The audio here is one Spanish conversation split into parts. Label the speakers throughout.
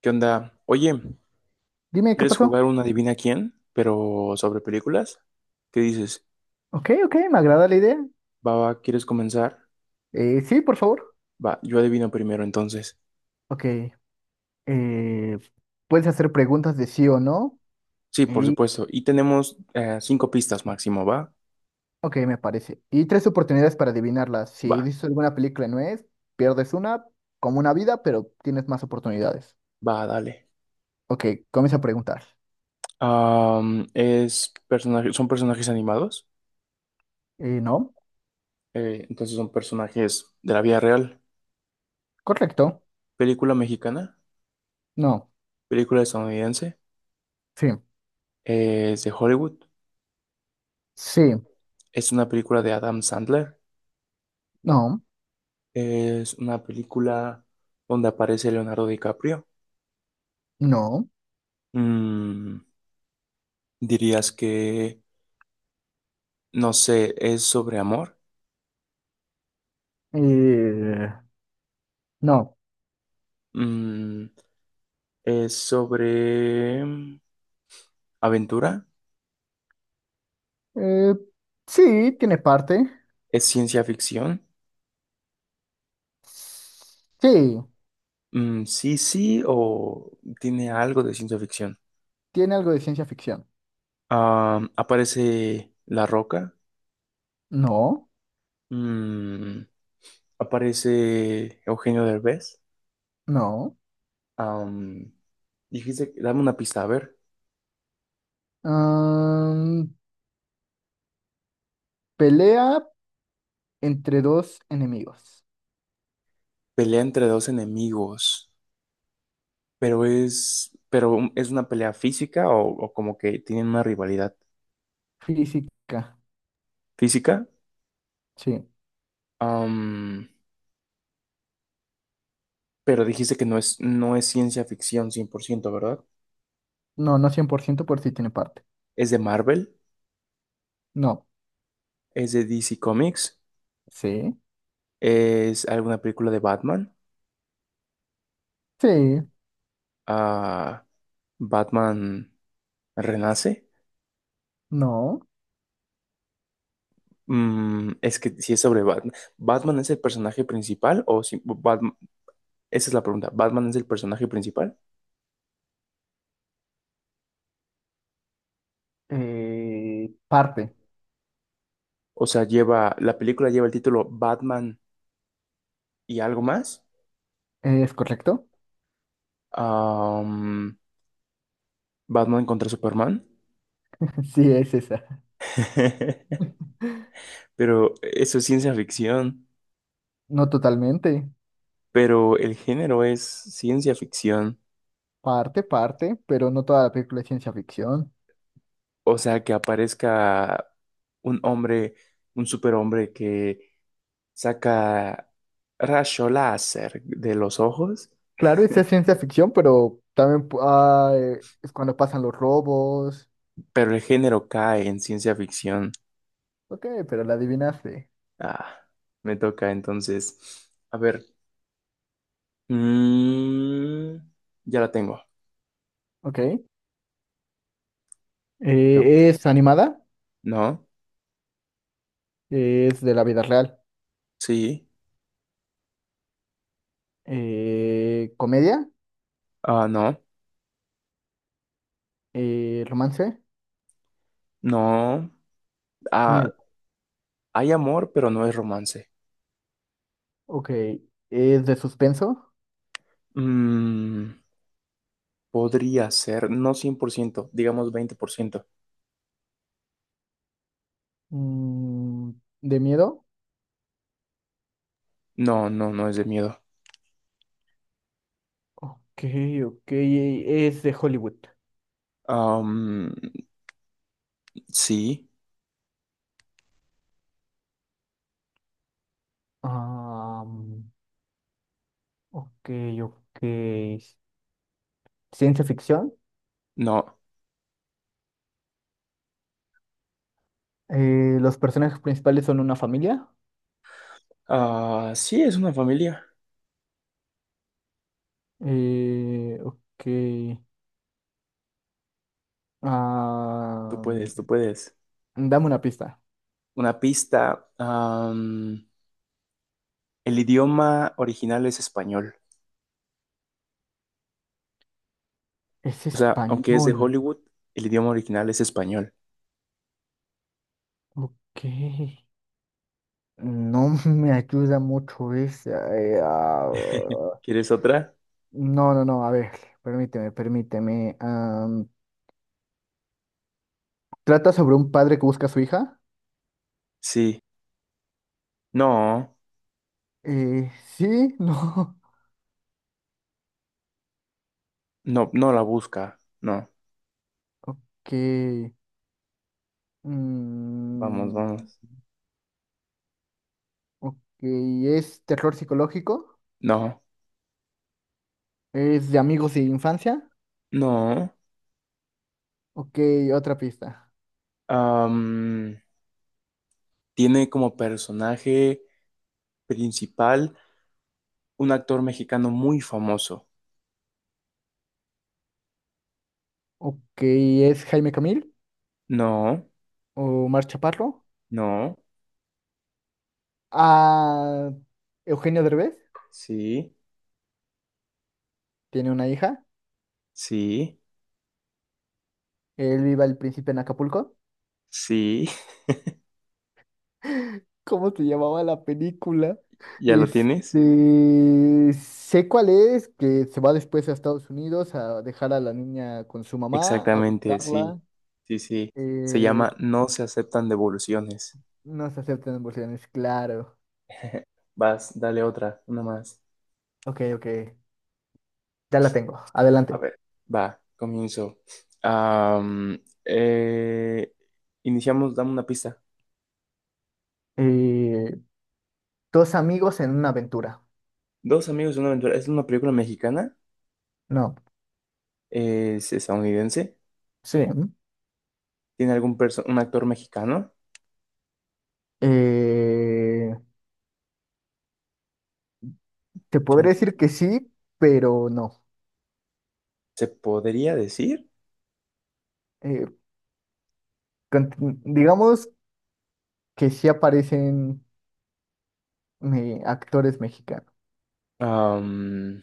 Speaker 1: ¿Qué onda? Oye,
Speaker 2: Dime, ¿qué
Speaker 1: ¿quieres
Speaker 2: pasó?
Speaker 1: jugar una adivina quién? Pero sobre películas. ¿Qué dices?
Speaker 2: Ok, ok, me agrada la idea.
Speaker 1: Va, ¿quieres comenzar?
Speaker 2: Sí, por favor.
Speaker 1: Va, yo adivino primero entonces.
Speaker 2: Ok. eh, Puedes hacer preguntas de sí o no.
Speaker 1: Sí, por
Speaker 2: Y,
Speaker 1: supuesto. Y tenemos cinco pistas máximo, ¿va?
Speaker 2: ok, me parece. Y tres oportunidades para adivinarlas.
Speaker 1: Va,
Speaker 2: Si dices alguna película no es, pierdes una, como una vida, pero tienes más oportunidades.
Speaker 1: va, dale.
Speaker 2: Ok, comienza a preguntar.
Speaker 1: Son personajes animados.
Speaker 2: No,
Speaker 1: Entonces son personajes de la vida real.
Speaker 2: correcto.
Speaker 1: Película mexicana,
Speaker 2: No,
Speaker 1: película estadounidense,
Speaker 2: sí,
Speaker 1: es de Hollywood.
Speaker 2: sí,
Speaker 1: Es una película de Adam Sandler.
Speaker 2: no,
Speaker 1: Es una película donde aparece Leonardo DiCaprio.
Speaker 2: no,
Speaker 1: Mm, dirías que, no sé, ¿es sobre amor?
Speaker 2: eh, no.
Speaker 1: Mm, es sobre aventura.
Speaker 2: Eh, sí, tiene parte.
Speaker 1: ¿Es ciencia ficción?
Speaker 2: Sí,
Speaker 1: Mm, sí, sí, o tiene algo de ciencia ficción.
Speaker 2: tiene algo de ciencia ficción.
Speaker 1: Ah, ¿aparece La Roca?
Speaker 2: No,
Speaker 1: Mm, ¿aparece Eugenio Derbez?
Speaker 2: no.
Speaker 1: Am, dijiste, dame una pista, a ver.
Speaker 2: Am, Pelea entre dos enemigos.
Speaker 1: Pelea entre dos enemigos. Pero es una pelea física, o como que tienen una rivalidad
Speaker 2: Física,
Speaker 1: física.
Speaker 2: sí.
Speaker 1: Am, pero dijiste que no es ciencia ficción cien por ciento, ¿verdad?
Speaker 2: No, no 100% por ciento por si tiene parte.
Speaker 1: ¿Es de Marvel?
Speaker 2: No,
Speaker 1: ¿Es de DC Comics?
Speaker 2: sí,
Speaker 1: ¿Es alguna película de Batman?
Speaker 2: sí,
Speaker 1: Ah, Batman renace.
Speaker 2: no.
Speaker 1: Mm, es que si es sobre Batman. ¿Batman es el personaje principal? O si Batman, esa es la pregunta. ¿Batman es el personaje principal?
Speaker 2: Parte,
Speaker 1: O sea, lleva, la película lleva el título Batman y algo más.
Speaker 2: ¿es correcto?
Speaker 1: am, Batman contra Superman.
Speaker 2: Sí, es esa.
Speaker 1: Pero eso es ciencia ficción.
Speaker 2: No totalmente.
Speaker 1: Pero el género es ciencia ficción.
Speaker 2: Parte, parte, pero no toda la película es ciencia ficción.
Speaker 1: O sea, que aparezca un hombre, un superhombre que saca rayo láser de los ojos,
Speaker 2: Claro, esa es ciencia ficción, pero también es cuando pasan los robos.
Speaker 1: pero el género cae en ciencia ficción.
Speaker 2: Ok, pero la adivinaste.
Speaker 1: Ah, me toca entonces. A ver. mm, ya la tengo.
Speaker 2: Ok.
Speaker 1: Pregunta.
Speaker 2: Es animada,
Speaker 1: No,
Speaker 2: es de la vida real.
Speaker 1: sí,
Speaker 2: Comedia,
Speaker 1: ah, no,
Speaker 2: romance,
Speaker 1: no. Ah,
Speaker 2: miedo.
Speaker 1: hay amor, pero no es romance.
Speaker 2: Ok, es de suspenso,
Speaker 1: Mm, podría ser, no 100%, digamos 20%.
Speaker 2: mm, de miedo.
Speaker 1: No, no, no es de miedo.
Speaker 2: Ok, ok, es de Hollywood.
Speaker 1: Am, sí,
Speaker 2: Am, ok, ok. Ciencia ficción.
Speaker 1: no.
Speaker 2: Los personajes principales son una familia.
Speaker 1: Ah, sí, es una familia.
Speaker 2: Ok.
Speaker 1: Tú
Speaker 2: am,
Speaker 1: puedes, tú puedes.
Speaker 2: Dame una pista.
Speaker 1: Una pista. El idioma original es español.
Speaker 2: Es
Speaker 1: O sea, aunque es de
Speaker 2: español.
Speaker 1: Hollywood, el idioma original es español.
Speaker 2: Ok. No me ayuda mucho esa.
Speaker 1: ¿Quieres otra?
Speaker 2: No, no, no, a ver, permíteme. ¿Trata sobre un padre que busca a su hija?
Speaker 1: Sí. No,
Speaker 2: Sí, no.
Speaker 1: no, no la busca. No,
Speaker 2: Ok.
Speaker 1: vamos,
Speaker 2: mm,
Speaker 1: vamos.
Speaker 2: ok, ¿es terror psicológico?
Speaker 1: No,
Speaker 2: ¿Es de amigos de infancia?
Speaker 1: no.
Speaker 2: Ok, otra pista.
Speaker 1: Am, tiene como personaje principal un actor mexicano muy famoso.
Speaker 2: Ok, ¿es Jaime Camil
Speaker 1: No,
Speaker 2: o Mar Chaparro?
Speaker 1: no,
Speaker 2: Ah, Eugenio Derbez
Speaker 1: sí,
Speaker 2: tiene una hija.
Speaker 1: sí,
Speaker 2: Él vive al principio en Acapulco.
Speaker 1: sí.
Speaker 2: ¿Cómo se llamaba la película?
Speaker 1: ¿Ya lo tienes?
Speaker 2: Este, sé cuál es, que se va después a Estados Unidos a dejar a la niña con su mamá, a
Speaker 1: Exactamente, sí,
Speaker 2: buscarla.
Speaker 1: sí, sí. Se
Speaker 2: Eh,
Speaker 1: llama No se aceptan devoluciones.
Speaker 2: no se aceptan emociones, claro.
Speaker 1: Vas, dale otra, una más.
Speaker 2: Ok, ok, ya la tengo,
Speaker 1: A
Speaker 2: adelante.
Speaker 1: ver, va, comienzo. Am, eh, iniciamos, dame una pista.
Speaker 2: Eh, Dos amigos en una aventura.
Speaker 1: Dos amigos de una aventura. ¿Es una película mexicana?
Speaker 2: No,
Speaker 1: ¿Es estadounidense?
Speaker 2: sí. ¿m?
Speaker 1: ¿Tiene algún un actor mexicano?
Speaker 2: Eh, Te
Speaker 1: Chan,
Speaker 2: podría
Speaker 1: chan.
Speaker 2: decir que sí, pero no.
Speaker 1: Se podría decir,
Speaker 2: Eh, cont- digamos que sí aparecen actores mexicanos.
Speaker 1: am,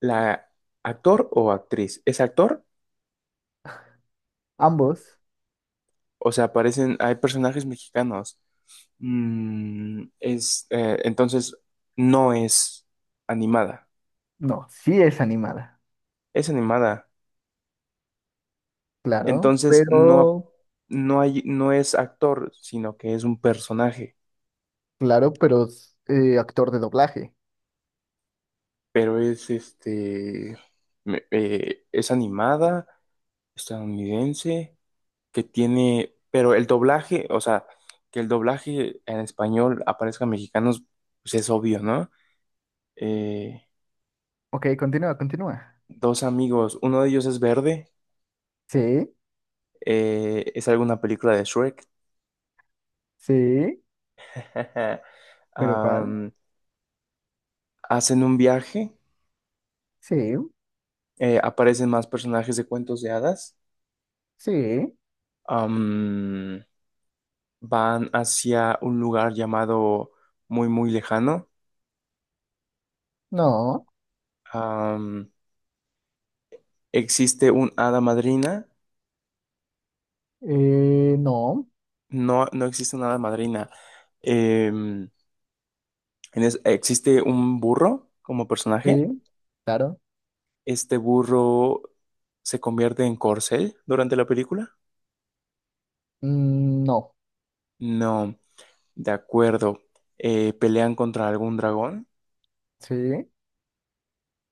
Speaker 1: la actor o actriz. ¿Es actor?
Speaker 2: Ambos,
Speaker 1: O sea, aparecen, hay personajes mexicanos. Entonces, no es animada,
Speaker 2: no, sí es animada,
Speaker 1: es animada.
Speaker 2: claro,
Speaker 1: Entonces,
Speaker 2: pero,
Speaker 1: no hay, no es actor, sino que es un personaje,
Speaker 2: claro, pero es, actor de doblaje.
Speaker 1: pero es es animada, estadounidense. Que tiene, pero el doblaje, o sea, que el doblaje en español aparezca en mexicanos, pues es obvio, ¿no? Eh,
Speaker 2: Ok, continúa, continúa.
Speaker 1: dos amigos, uno de ellos es verde,
Speaker 2: Sí,
Speaker 1: es alguna película de Shrek.
Speaker 2: sí, pero ¿cuál?
Speaker 1: Am, hacen un viaje,
Speaker 2: Sí,
Speaker 1: aparecen más personajes de cuentos de hadas.
Speaker 2: sí,
Speaker 1: Am, van hacia un lugar llamado muy, muy lejano.
Speaker 2: no,
Speaker 1: Am, ¿existe un hada madrina?
Speaker 2: no,
Speaker 1: No, no existe una hada madrina. Eh, en existe un burro como personaje.
Speaker 2: sí, claro,
Speaker 1: Este burro se convierte en corcel durante la película.
Speaker 2: no,
Speaker 1: No, de acuerdo. Pelean contra algún dragón.
Speaker 2: sí,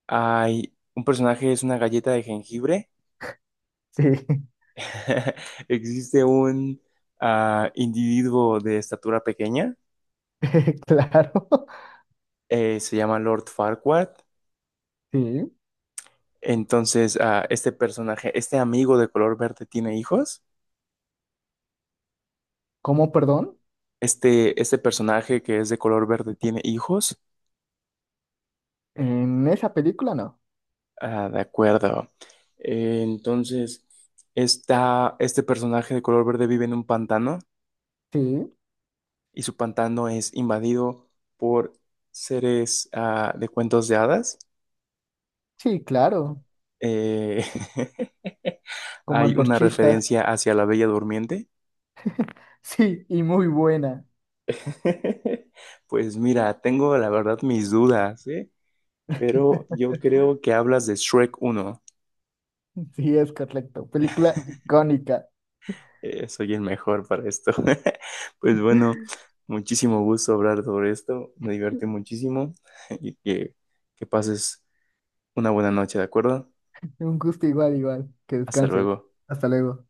Speaker 1: Hay un personaje, es una galleta de jengibre.
Speaker 2: sí,
Speaker 1: Existe un individuo de estatura pequeña.
Speaker 2: claro,
Speaker 1: Eh, se llama Lord Farquaad.
Speaker 2: sí.
Speaker 1: Entonces, este personaje, este amigo de color verde tiene hijos.
Speaker 2: ¿Cómo, perdón?
Speaker 1: Este personaje que es de color verde tiene hijos.
Speaker 2: En esa película no.
Speaker 1: Ah, de acuerdo. Eh, entonces, este personaje de color verde vive en un pantano,
Speaker 2: Sí,
Speaker 1: y su pantano es invadido por seres de cuentos de hadas.
Speaker 2: sí, claro,
Speaker 1: Eh,
Speaker 2: como
Speaker 1: hay una
Speaker 2: antorchistas,
Speaker 1: referencia hacia la Bella Durmiente.
Speaker 2: sí, y muy buena.
Speaker 1: Pues mira, tengo la verdad mis dudas, ¿eh? Pero yo creo que hablas de Shrek uno.
Speaker 2: Sí, es correcto. Película icónica.
Speaker 1: Soy el mejor para esto. Pues bueno, muchísimo gusto hablar sobre esto. Me divertí muchísimo y que, que pases una buena noche, ¿de acuerdo?
Speaker 2: Un gusto igual, igual. Que
Speaker 1: Hasta
Speaker 2: descanses.
Speaker 1: luego.
Speaker 2: Hasta luego.